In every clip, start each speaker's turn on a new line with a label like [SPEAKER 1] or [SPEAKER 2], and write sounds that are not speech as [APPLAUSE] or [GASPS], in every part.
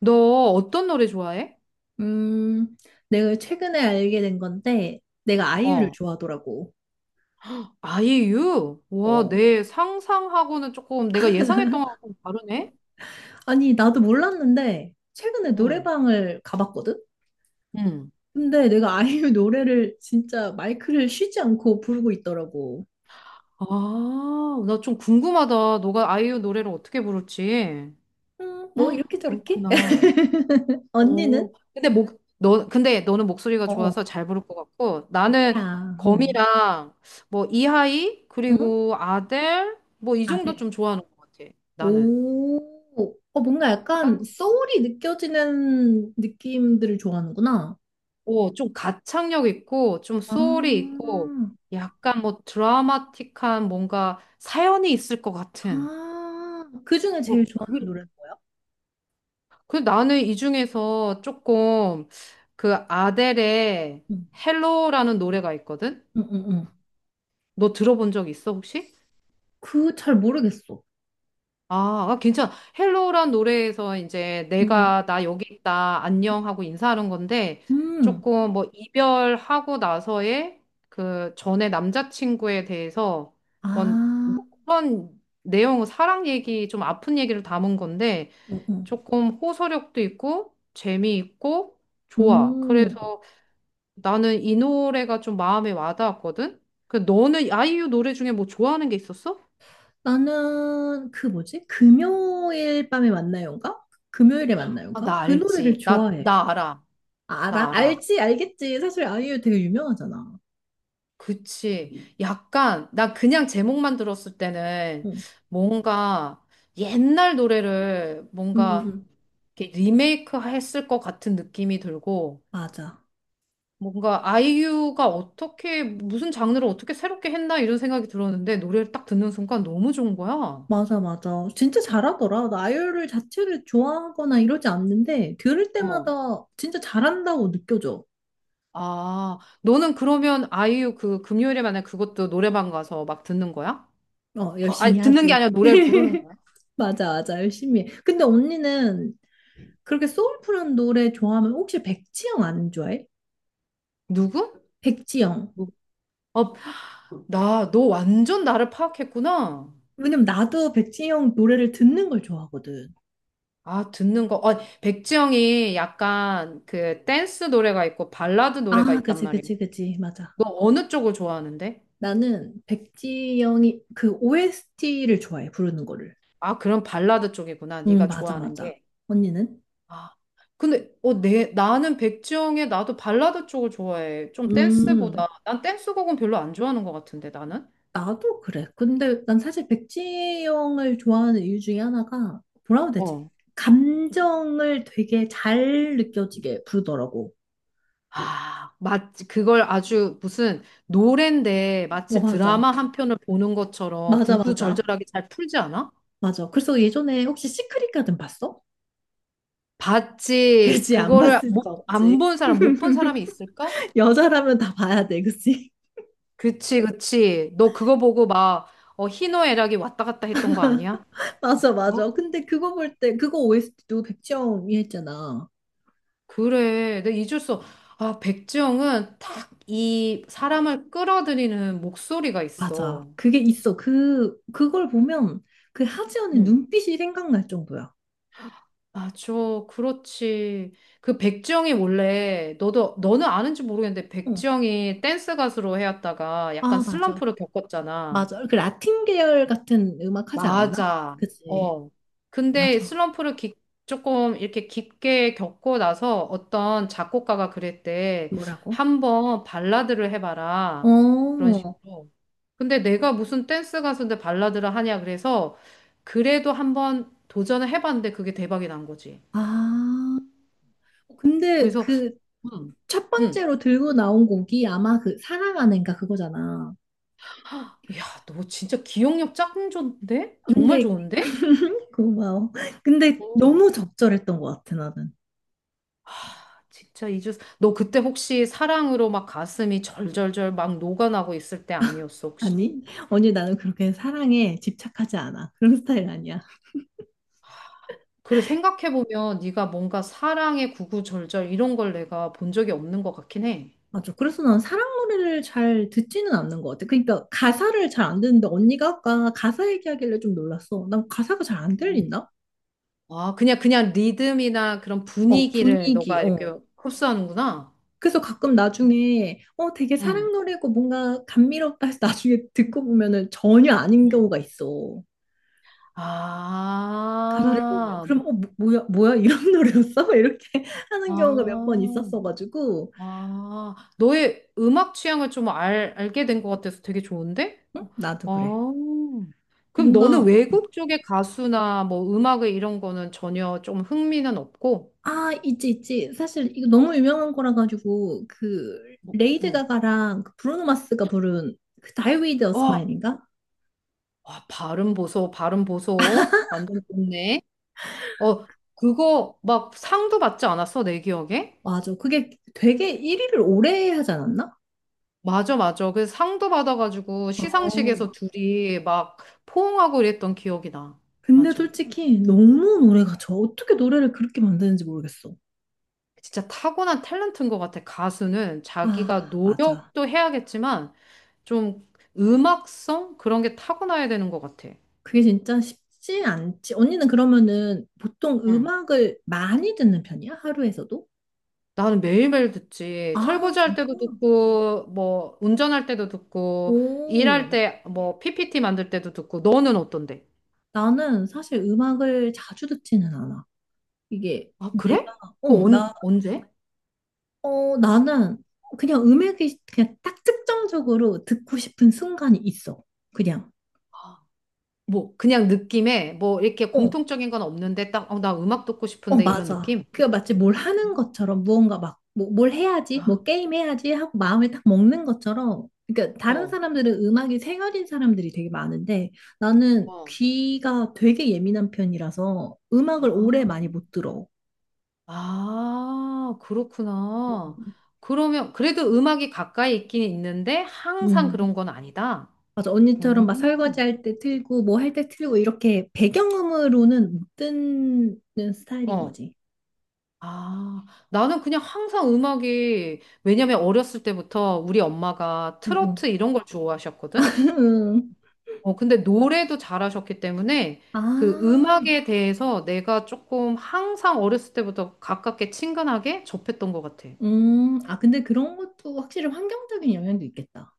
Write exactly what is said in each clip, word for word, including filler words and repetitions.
[SPEAKER 1] 너 어떤 노래 좋아해?
[SPEAKER 2] 음, 내가 최근에 알게 된 건데, 내가 아이유를
[SPEAKER 1] 어,
[SPEAKER 2] 좋아하더라고.
[SPEAKER 1] 아이유? 와,
[SPEAKER 2] 어.
[SPEAKER 1] 내 상상하고는 조금 내가 예상했던 거랑 좀 다르네?
[SPEAKER 2] 아니, 나도 몰랐는데, 최근에
[SPEAKER 1] 응.
[SPEAKER 2] 노래방을 가봤거든?
[SPEAKER 1] 응.
[SPEAKER 2] 근데 내가 아이유 [LAUGHS] 노래를 진짜 마이크를 쉬지 않고 부르고 있더라고.
[SPEAKER 1] 아, 나 좀 궁금하다. 너가 아이유 노래를 어떻게 부를지.
[SPEAKER 2] 음,
[SPEAKER 1] [GASPS]
[SPEAKER 2] 뭐,
[SPEAKER 1] 헉,
[SPEAKER 2] 이렇게 저렇게?
[SPEAKER 1] 그렇구나.
[SPEAKER 2] [LAUGHS]
[SPEAKER 1] 어,
[SPEAKER 2] 언니는?
[SPEAKER 1] 근데 목, 너, 근데 너는 목소리가
[SPEAKER 2] 어, 어,
[SPEAKER 1] 좋아서 잘 부를 것 같고, 나는
[SPEAKER 2] 뭐야, 어.
[SPEAKER 1] 거미랑 뭐 이하이,
[SPEAKER 2] 응?
[SPEAKER 1] 그리고 아델, 뭐 이 정도
[SPEAKER 2] 아들.
[SPEAKER 1] 좀 좋아하는 것 같아. 나는.
[SPEAKER 2] 오, 어, 뭔가 약간
[SPEAKER 1] 그러니까
[SPEAKER 2] 소울이 느껴지는 느낌들을 좋아하는구나.
[SPEAKER 1] 오, 좀 가창력 있고, 좀
[SPEAKER 2] 아,
[SPEAKER 1] 소울이 있고, 약간 뭐 드라마틱한 뭔가 사연이 있을 것 같은.
[SPEAKER 2] 아, 그 중에 제일
[SPEAKER 1] 뭐,
[SPEAKER 2] 좋아하는
[SPEAKER 1] 그,
[SPEAKER 2] 노래는 뭐야?
[SPEAKER 1] 그 나는 이 중에서 조금 그 아델의
[SPEAKER 2] 응,
[SPEAKER 1] 헬로라는 노래가 있거든?
[SPEAKER 2] 응, 응, 응,
[SPEAKER 1] 너 들어본 적 있어, 혹시?
[SPEAKER 2] 그 잘 모르겠어.
[SPEAKER 1] 아, 아, 괜찮아. 헬로란 노래에서 이제
[SPEAKER 2] 응,
[SPEAKER 1] 내가 나 여기 있다, 안녕 하고 인사하는 건데
[SPEAKER 2] 응, 음,
[SPEAKER 1] 조금 뭐 이별하고 나서의 그 전에 남자친구에 대해서 뭔- 뭐
[SPEAKER 2] 아,
[SPEAKER 1] 그런 내용, 사랑 얘기, 좀 아픈 얘기를 담은 건데
[SPEAKER 2] 응, 응.
[SPEAKER 1] 조금 호소력도 있고 재미있고 좋아.
[SPEAKER 2] 음,
[SPEAKER 1] 그래서 나는 이 노래가 좀 마음에 와닿았거든. 그 너는 아이유 노래 중에 뭐 좋아하는 게 있었어?
[SPEAKER 2] 나는 그 뭐지? 금요일 밤에 만나요인가? 금요일에
[SPEAKER 1] 아,
[SPEAKER 2] 만나요인가?
[SPEAKER 1] 나
[SPEAKER 2] 그 노래를
[SPEAKER 1] 알지. 나,
[SPEAKER 2] 좋아해.
[SPEAKER 1] 나 알아.
[SPEAKER 2] 아, 알아?
[SPEAKER 1] 나 알아.
[SPEAKER 2] 알지? 알겠지? 사실 아이유 되게 유명하잖아.
[SPEAKER 1] 그치. 약간, 나 그냥 제목만 들었을 때는
[SPEAKER 2] 응,
[SPEAKER 1] 뭔가 옛날 노래를
[SPEAKER 2] 응, 응,
[SPEAKER 1] 뭔가
[SPEAKER 2] 응.
[SPEAKER 1] 이렇게 리메이크 했을 것 같은 느낌이 들고
[SPEAKER 2] 맞아.
[SPEAKER 1] 뭔가 아이유가 어떻게, 무슨 장르를 어떻게 새롭게 했나 이런 생각이 들었는데 노래를 딱 듣는 순간 너무 좋은 거야.
[SPEAKER 2] 맞아, 맞아. 진짜 잘하더라. 나 아이유를 자체를 좋아하거나 이러지 않는데 들을
[SPEAKER 1] 어.
[SPEAKER 2] 때마다 진짜 잘한다고 느껴져.
[SPEAKER 1] 아, 너는 그러면 아이유 그 금요일에 만약 그것도 노래방 가서 막 듣는 거야?
[SPEAKER 2] 어, 열심히
[SPEAKER 1] 아니, 듣는 게
[SPEAKER 2] 하지.
[SPEAKER 1] 아니라 노래를 부르는 거야?
[SPEAKER 2] 맞아, 맞아, 열심히 해. 근데 언니는 그렇게 소울풀한 노래 좋아하면 혹시 백지영 안 좋아해?
[SPEAKER 1] 누구?
[SPEAKER 2] 백지영.
[SPEAKER 1] 누구? 어. 나, 너 완전 나를 파악했구나.
[SPEAKER 2] 왜냐면 나도 백지영 노래를 듣는 걸 좋아하거든.
[SPEAKER 1] 아, 듣는 거. 어, 백지영이 약간 그 댄스 노래가 있고 발라드 노래가
[SPEAKER 2] 아,
[SPEAKER 1] 있단
[SPEAKER 2] 그치,
[SPEAKER 1] 말이야.
[SPEAKER 2] 그치, 그치. 맞아.
[SPEAKER 1] 너 어느 쪽을 좋아하는데?
[SPEAKER 2] 나는 백지영이 그 오에스티를 좋아해, 부르는 거를.
[SPEAKER 1] 아, 그럼 발라드 쪽이구나.
[SPEAKER 2] 응,
[SPEAKER 1] 네가
[SPEAKER 2] 맞아,
[SPEAKER 1] 좋아하는
[SPEAKER 2] 맞아.
[SPEAKER 1] 게.
[SPEAKER 2] 언니는?
[SPEAKER 1] 아, 근데 어, 내, 나는 백지영의 나도 발라드 쪽을 좋아해. 좀
[SPEAKER 2] 음.
[SPEAKER 1] 댄스보다. 난 댄스곡은 별로 안 좋아하는 것 같은데, 나는.
[SPEAKER 2] 나도 그래. 근데 난 사실 백지영을 좋아하는 이유 중에 하나가 뭐라고 해야 되지?
[SPEAKER 1] 어.
[SPEAKER 2] 감정을 되게 잘 느껴지게 부르더라고.
[SPEAKER 1] 아, 마치 그걸 아주 무슨 노랜데
[SPEAKER 2] 어,
[SPEAKER 1] 마치
[SPEAKER 2] 맞아.
[SPEAKER 1] 드라마 한 편을 보는 것처럼
[SPEAKER 2] 맞아, 맞아.
[SPEAKER 1] 구구절절하게 잘 풀지 않아?
[SPEAKER 2] 맞아. 그래서 예전에 혹시 시크릿 가든 봤어? [LAUGHS]
[SPEAKER 1] 봤지.
[SPEAKER 2] 그치, 안
[SPEAKER 1] 그거를
[SPEAKER 2] 봤을 수
[SPEAKER 1] 못, 안
[SPEAKER 2] 없지.
[SPEAKER 1] 본 사람, 못 본 사람이
[SPEAKER 2] [LAUGHS]
[SPEAKER 1] 있을까?
[SPEAKER 2] 여자라면 다 봐야 돼, 그치?
[SPEAKER 1] 그치, 그치. 너 그거 보고 막, 어, 희노애락이 왔다 갔다 했던 거 아니야?
[SPEAKER 2] [LAUGHS] 맞아,
[SPEAKER 1] 어?
[SPEAKER 2] 맞아. 근데 그거 볼 때, 그거 오에스티도 백지영이 했잖아.
[SPEAKER 1] 그래. 내가 잊을 수, 없- 아, 백지영은 딱 이 사람을 끌어들이는 목소리가
[SPEAKER 2] 맞아.
[SPEAKER 1] 있어.
[SPEAKER 2] 그게 있어. 그, 그걸 보면 그 하지연의
[SPEAKER 1] 응.
[SPEAKER 2] 눈빛이 생각날 정도야.
[SPEAKER 1] 아, 저, 그렇지. 그 백지영이 원래, 너도, 너는 아는지 모르겠는데,
[SPEAKER 2] 어.
[SPEAKER 1] 백지영이 댄스 가수로 해왔다가 약간
[SPEAKER 2] 아, 맞아.
[SPEAKER 1] 슬럼프를 겪었잖아.
[SPEAKER 2] 맞아. 그 라틴 계열 같은 음악 하지 않았나?
[SPEAKER 1] 맞아.
[SPEAKER 2] 그치.
[SPEAKER 1] 어. 근데
[SPEAKER 2] 맞아.
[SPEAKER 1] 슬럼프를 깊- 조금 이렇게 깊게 겪고 나서 어떤 작곡가가 그랬대.
[SPEAKER 2] 뭐라고?
[SPEAKER 1] 한번 발라드를 해봐라. 그런
[SPEAKER 2] 어,
[SPEAKER 1] 식으로. 근데 내가 무슨 댄스 가수인데 발라드를 하냐 그래서 그래도 한번 도전을 해봤는데 그게 대박이 난 거지.
[SPEAKER 2] 아. 어, 근데
[SPEAKER 1] 그래서
[SPEAKER 2] 그
[SPEAKER 1] 음,
[SPEAKER 2] 첫
[SPEAKER 1] 음.
[SPEAKER 2] 번째로 들고 나온 곡이 아마 그 사랑하는가 그거잖아.
[SPEAKER 1] 야, 너 진짜 기억력 짱 좋은데? 정말
[SPEAKER 2] 근데,
[SPEAKER 1] 좋은데?
[SPEAKER 2] [LAUGHS] 고마워. 근데 너무 적절했던 것 같아, 나는.
[SPEAKER 1] 진짜 이주 너 그때 혹시 사랑으로 막 가슴이 절절절 막 녹아나고 있을 때 아니었어 혹시?
[SPEAKER 2] 아니, 언니 나는 그렇게 사랑에 집착하지 않아. 그런 스타일 아니야.
[SPEAKER 1] 그래 생각해 보면 네가 뭔가 사랑의 구구절절 이런 걸 내가 본 적이 없는 것 같긴 해.
[SPEAKER 2] 맞아. 그래서 난 사랑 노래를 잘 듣지는 않는 것 같아. 그러니까 가사를 잘 안 듣는데 언니가 아까 가사 얘기하길래 좀 놀랐어. 난 가사가 잘 안
[SPEAKER 1] 어.
[SPEAKER 2] 들린다?
[SPEAKER 1] 아 그냥 그냥 리듬이나 그런
[SPEAKER 2] 어,
[SPEAKER 1] 분위기를
[SPEAKER 2] 분위기,
[SPEAKER 1] 너가 이렇게
[SPEAKER 2] 어.
[SPEAKER 1] 흡수하는구나.
[SPEAKER 2] 그래서 가끔 나중에 어, 되게
[SPEAKER 1] 응.
[SPEAKER 2] 사랑 노래고 뭔가 감미롭다 해서 나중에 듣고 보면은 전혀 아닌
[SPEAKER 1] 응.
[SPEAKER 2] 경우가 있어. 가사를 보면.
[SPEAKER 1] 아, 뭐,
[SPEAKER 2] 그럼 어, 뭐, 뭐야, 뭐야, 이런 [LAUGHS] 노래였어? 이렇게 하는 경우가 몇 번
[SPEAKER 1] 아.
[SPEAKER 2] 있었어가지고.
[SPEAKER 1] 아, 너의 음악 취향을 좀 알, 알게 된 것 같아서 되게 좋은데?
[SPEAKER 2] 응? 나도
[SPEAKER 1] 아,
[SPEAKER 2] 그래.
[SPEAKER 1] 그럼 너는
[SPEAKER 2] 뭔가
[SPEAKER 1] 외국 쪽의 가수나 뭐 음악의 이런 거는 전혀 좀 흥미는 없고?
[SPEAKER 2] 아, 있지, 있지. 사실 이거 너무 유명한 거라 가지고 그
[SPEAKER 1] 뭐,
[SPEAKER 2] 레이드
[SPEAKER 1] 응.
[SPEAKER 2] 가가랑 그 브루노 마스가 부른 그 Die With a
[SPEAKER 1] 어,
[SPEAKER 2] Smile인가?
[SPEAKER 1] 와, 발음 보소, 발음 보소. 완전 좋네. 어, 그거 막 상도 받지 않았어, 내 기억에?
[SPEAKER 2] 맞아. 그게 되게 일 위를 오래 하지 않았나?
[SPEAKER 1] 맞아, 맞아. 그래서 상도 받아가지고
[SPEAKER 2] 어.
[SPEAKER 1] 시상식에서 둘이 막 포옹하고 이랬던 기억이 나.
[SPEAKER 2] 근데
[SPEAKER 1] 맞아.
[SPEAKER 2] 솔직히 너무 노래가 저 어떻게 노래를 그렇게 만드는지 모르겠어.
[SPEAKER 1] 진짜 타고난 탤런트인 것 같아. 가수는 자기가
[SPEAKER 2] 아, 맞아.
[SPEAKER 1] 노력도 해야겠지만 좀 음악성 그런 게 타고나야 되는 것 같아.
[SPEAKER 2] 그게 진짜 쉽지 않지. 언니는 그러면은 보통
[SPEAKER 1] 응.
[SPEAKER 2] 음악을 많이 듣는 편이야? 하루에서도?
[SPEAKER 1] 나는 매일매일 듣지.
[SPEAKER 2] 아,
[SPEAKER 1] 설거지할
[SPEAKER 2] 진짜?
[SPEAKER 1] 때도 듣고, 뭐 운전할 때도 듣고, 일할
[SPEAKER 2] 오.
[SPEAKER 1] 때 뭐 피피티 만들 때도 듣고. 너는 어떤데?
[SPEAKER 2] 나는 사실 음악을 자주 듣지는 않아. 이게
[SPEAKER 1] 아,
[SPEAKER 2] 내가
[SPEAKER 1] 그래?
[SPEAKER 2] 어,
[SPEAKER 1] 그거 언,
[SPEAKER 2] 나,
[SPEAKER 1] 언제?
[SPEAKER 2] 어, 나는 그냥 음악이 그냥 딱 특정적으로 듣고 싶은 순간이 있어. 그냥.
[SPEAKER 1] 아, 뭐 그냥 느낌에 뭐 이렇게
[SPEAKER 2] 어,
[SPEAKER 1] 공통적인 건 없는데 딱, 어, 나 음악 듣고
[SPEAKER 2] 어,
[SPEAKER 1] 싶은데 이런
[SPEAKER 2] 맞아.
[SPEAKER 1] 느낌?
[SPEAKER 2] 그게 마치 뭘 하는 것처럼 무언가 막 뭐, 뭘 해야지, 뭐
[SPEAKER 1] 아,
[SPEAKER 2] 게임 해야지 하고 마음에 딱 먹는 것처럼. 그러니까 다른
[SPEAKER 1] 어,
[SPEAKER 2] 사람들은 음악이 생활인 사람들이 되게 많은데 나는
[SPEAKER 1] 어.
[SPEAKER 2] 귀가 되게 예민한 편이라서 음악을 오래
[SPEAKER 1] 아.
[SPEAKER 2] 많이 못 들어.
[SPEAKER 1] 아, 그렇구나. 그러면 그래도 음악이 가까이 있긴 있는데 항상
[SPEAKER 2] 음.
[SPEAKER 1] 그런 건 아니다.
[SPEAKER 2] 맞아. 언니처럼
[SPEAKER 1] 음.
[SPEAKER 2] 막 설거지할 때 틀고 뭐 할 때 틀고 이렇게 배경음으로는 못 듣는 스타일인
[SPEAKER 1] 어.
[SPEAKER 2] 거지.
[SPEAKER 1] 아, 나는 그냥 항상 음악이 왜냐면 어렸을 때부터 우리 엄마가
[SPEAKER 2] 응,
[SPEAKER 1] 트로트
[SPEAKER 2] 응.
[SPEAKER 1] 이런 걸 좋아하셨거든.
[SPEAKER 2] [LAUGHS]
[SPEAKER 1] 어, 근데 노래도 잘하셨기 때문에 그
[SPEAKER 2] 아,
[SPEAKER 1] 음악에 대해서 내가 조금 항상 어렸을 때부터 가깝게 친근하게 접했던 것 같아.
[SPEAKER 2] 음, 아, 근데 그런 것도 확실히 환경적인 영향도 있겠다.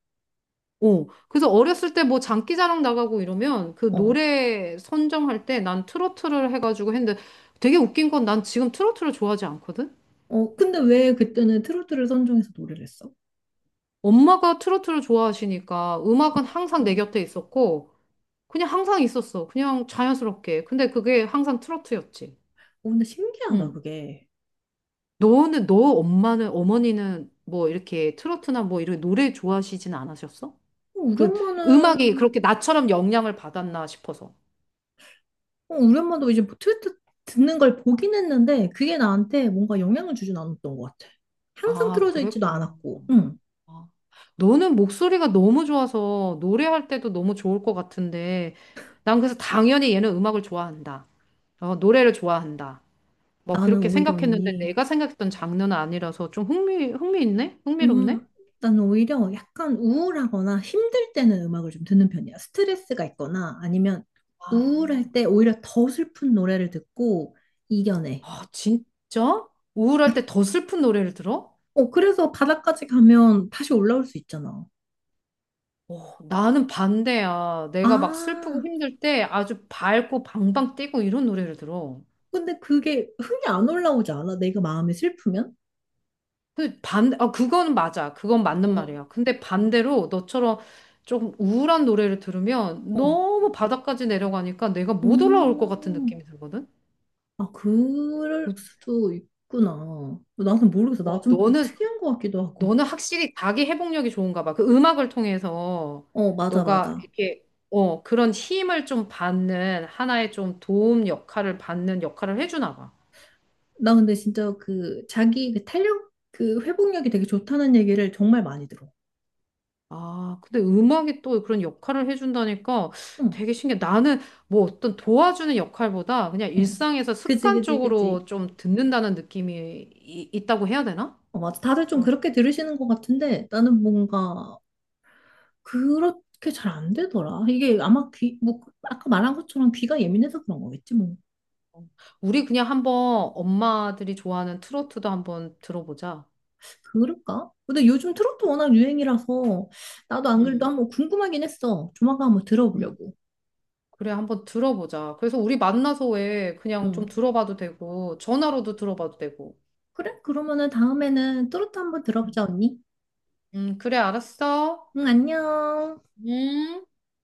[SPEAKER 1] 어, 그래서 어렸을 때 뭐 장기자랑 나가고 이러면 그
[SPEAKER 2] 어,
[SPEAKER 1] 노래 선정할 때 난 트로트를 해가지고 했는데 되게 웃긴 건 난 지금 트로트를 좋아하지 않거든?
[SPEAKER 2] 어, 근데 왜 그때는 트로트를 선정해서 노래를 했어?
[SPEAKER 1] 엄마가 트로트를 좋아하시니까 음악은 항상 내
[SPEAKER 2] 어,
[SPEAKER 1] 곁에 있었고 그냥 항상 있었어. 그냥 자연스럽게. 근데 그게 항상 트로트였지.
[SPEAKER 2] 어, 근데 신기하다,
[SPEAKER 1] 응.
[SPEAKER 2] 그게.
[SPEAKER 1] 너는, 너 엄마는, 어머니는 뭐 이렇게 트로트나 뭐 이런 노래 좋아하시진 않으셨어?
[SPEAKER 2] 어, 우리
[SPEAKER 1] 그 음악이
[SPEAKER 2] 엄마는,
[SPEAKER 1] 그렇게 나처럼 영향을 받았나 싶어서.
[SPEAKER 2] 어, 우리 엄마도 이제 뭐 트로트 듣는 걸 보긴 했는데, 그게 나한테 뭔가 영향을 주진 않았던 것 같아. 항상
[SPEAKER 1] 아,
[SPEAKER 2] 틀어져 있지도
[SPEAKER 1] 그랬구나.
[SPEAKER 2] 않았고, 응.
[SPEAKER 1] 아, 너는 목소리가 너무 좋아서 노래할 때도 너무 좋을 것 같은데, 난 그래서 당연히 얘는 음악을 좋아한다. 어, 노래를 좋아한다. 뭐
[SPEAKER 2] 나는
[SPEAKER 1] 그렇게
[SPEAKER 2] 오히려
[SPEAKER 1] 생각했는데
[SPEAKER 2] 언니,
[SPEAKER 1] 내가 생각했던 장르는 아니라서 좀 흥미, 흥미있네? 흥미롭네?
[SPEAKER 2] 음, 나는 오히려 약간 우울하거나 힘들 때는 음악을 좀 듣는 편이야. 스트레스가 있거나 아니면 우울할
[SPEAKER 1] 아,
[SPEAKER 2] 때 오히려 더 슬픈 노래를 듣고 이겨내.
[SPEAKER 1] 아, 진짜? 우울할 때 더 슬픈 노래를 들어?
[SPEAKER 2] 어, 그래서 바닥까지 가면 다시 올라올 수 있잖아.
[SPEAKER 1] 어, 나는 반대야.
[SPEAKER 2] 아,
[SPEAKER 1] 내가 막 슬프고 힘들 때 아주 밝고 방방 뛰고 이런 노래를 들어.
[SPEAKER 2] 근데 그게 흥이 안 올라오지 않아? 내가 마음이 슬프면?
[SPEAKER 1] 그 반, 아, 그거는 맞아. 그건 맞는
[SPEAKER 2] 어,
[SPEAKER 1] 말이야. 근데 반대로 너처럼 조금 우울한 노래를 들으면
[SPEAKER 2] 어.
[SPEAKER 1] 너무 바닥까지 내려가니까 내가 못 올라올 것 같은
[SPEAKER 2] 음,
[SPEAKER 1] 느낌이 들거든?
[SPEAKER 2] 아, 그럴
[SPEAKER 1] 그,
[SPEAKER 2] 수도 있구나. 나는 모르겠어. 나 좀
[SPEAKER 1] 너는,
[SPEAKER 2] 특이한 것 같기도 하고.
[SPEAKER 1] 너는 확실히 자기 회복력이 좋은가 봐. 그 음악을 통해서
[SPEAKER 2] 어, 맞아,
[SPEAKER 1] 너가
[SPEAKER 2] 맞아.
[SPEAKER 1] 이렇게, 어, 그런 힘을 좀 받는, 하나의 좀 도움 역할을 받는 역할을 해주나 봐.
[SPEAKER 2] 나 근데 진짜 그 자기 그 탄력 그 회복력이 되게 좋다는 얘기를 정말 많이 들어.
[SPEAKER 1] 아, 근데 음악이 또 그런 역할을 해준다니까
[SPEAKER 2] 응,
[SPEAKER 1] 되게 신기해. 나는 뭐 어떤 도와주는 역할보다 그냥
[SPEAKER 2] 응.
[SPEAKER 1] 일상에서
[SPEAKER 2] 그지, 그지,
[SPEAKER 1] 습관적으로
[SPEAKER 2] 그지.
[SPEAKER 1] 좀 듣는다는 느낌이 이- 있다고 해야 되나?
[SPEAKER 2] 어, 맞아. 다들 좀
[SPEAKER 1] 그럼
[SPEAKER 2] 그렇게 들으시는 것 같은데 나는 뭔가 그렇게 잘 안 되더라. 이게 아마 귀, 뭐 그, 아까 말한 것처럼 귀가 예민해서 그런 거겠지 뭐.
[SPEAKER 1] 우리 그냥 한번 엄마들이 좋아하는 트로트도 한번 들어보자.
[SPEAKER 2] 그럴까? 근데 요즘 트로트 워낙 유행이라서 나도 안 그래도
[SPEAKER 1] 응,
[SPEAKER 2] 한번 궁금하긴 했어. 조만간 한번
[SPEAKER 1] 응.
[SPEAKER 2] 들어보려고.
[SPEAKER 1] 그래, 한번 들어보자. 그래서 우리 만나서 왜 그냥 좀
[SPEAKER 2] 응.
[SPEAKER 1] 들어봐도 되고, 전화로도 들어봐도 되고.
[SPEAKER 2] 그래? 그러면은 다음에는 트로트 한번 들어보자, 언니.
[SPEAKER 1] 음, 그래, 알았어.
[SPEAKER 2] 응, 안녕.
[SPEAKER 1] 음.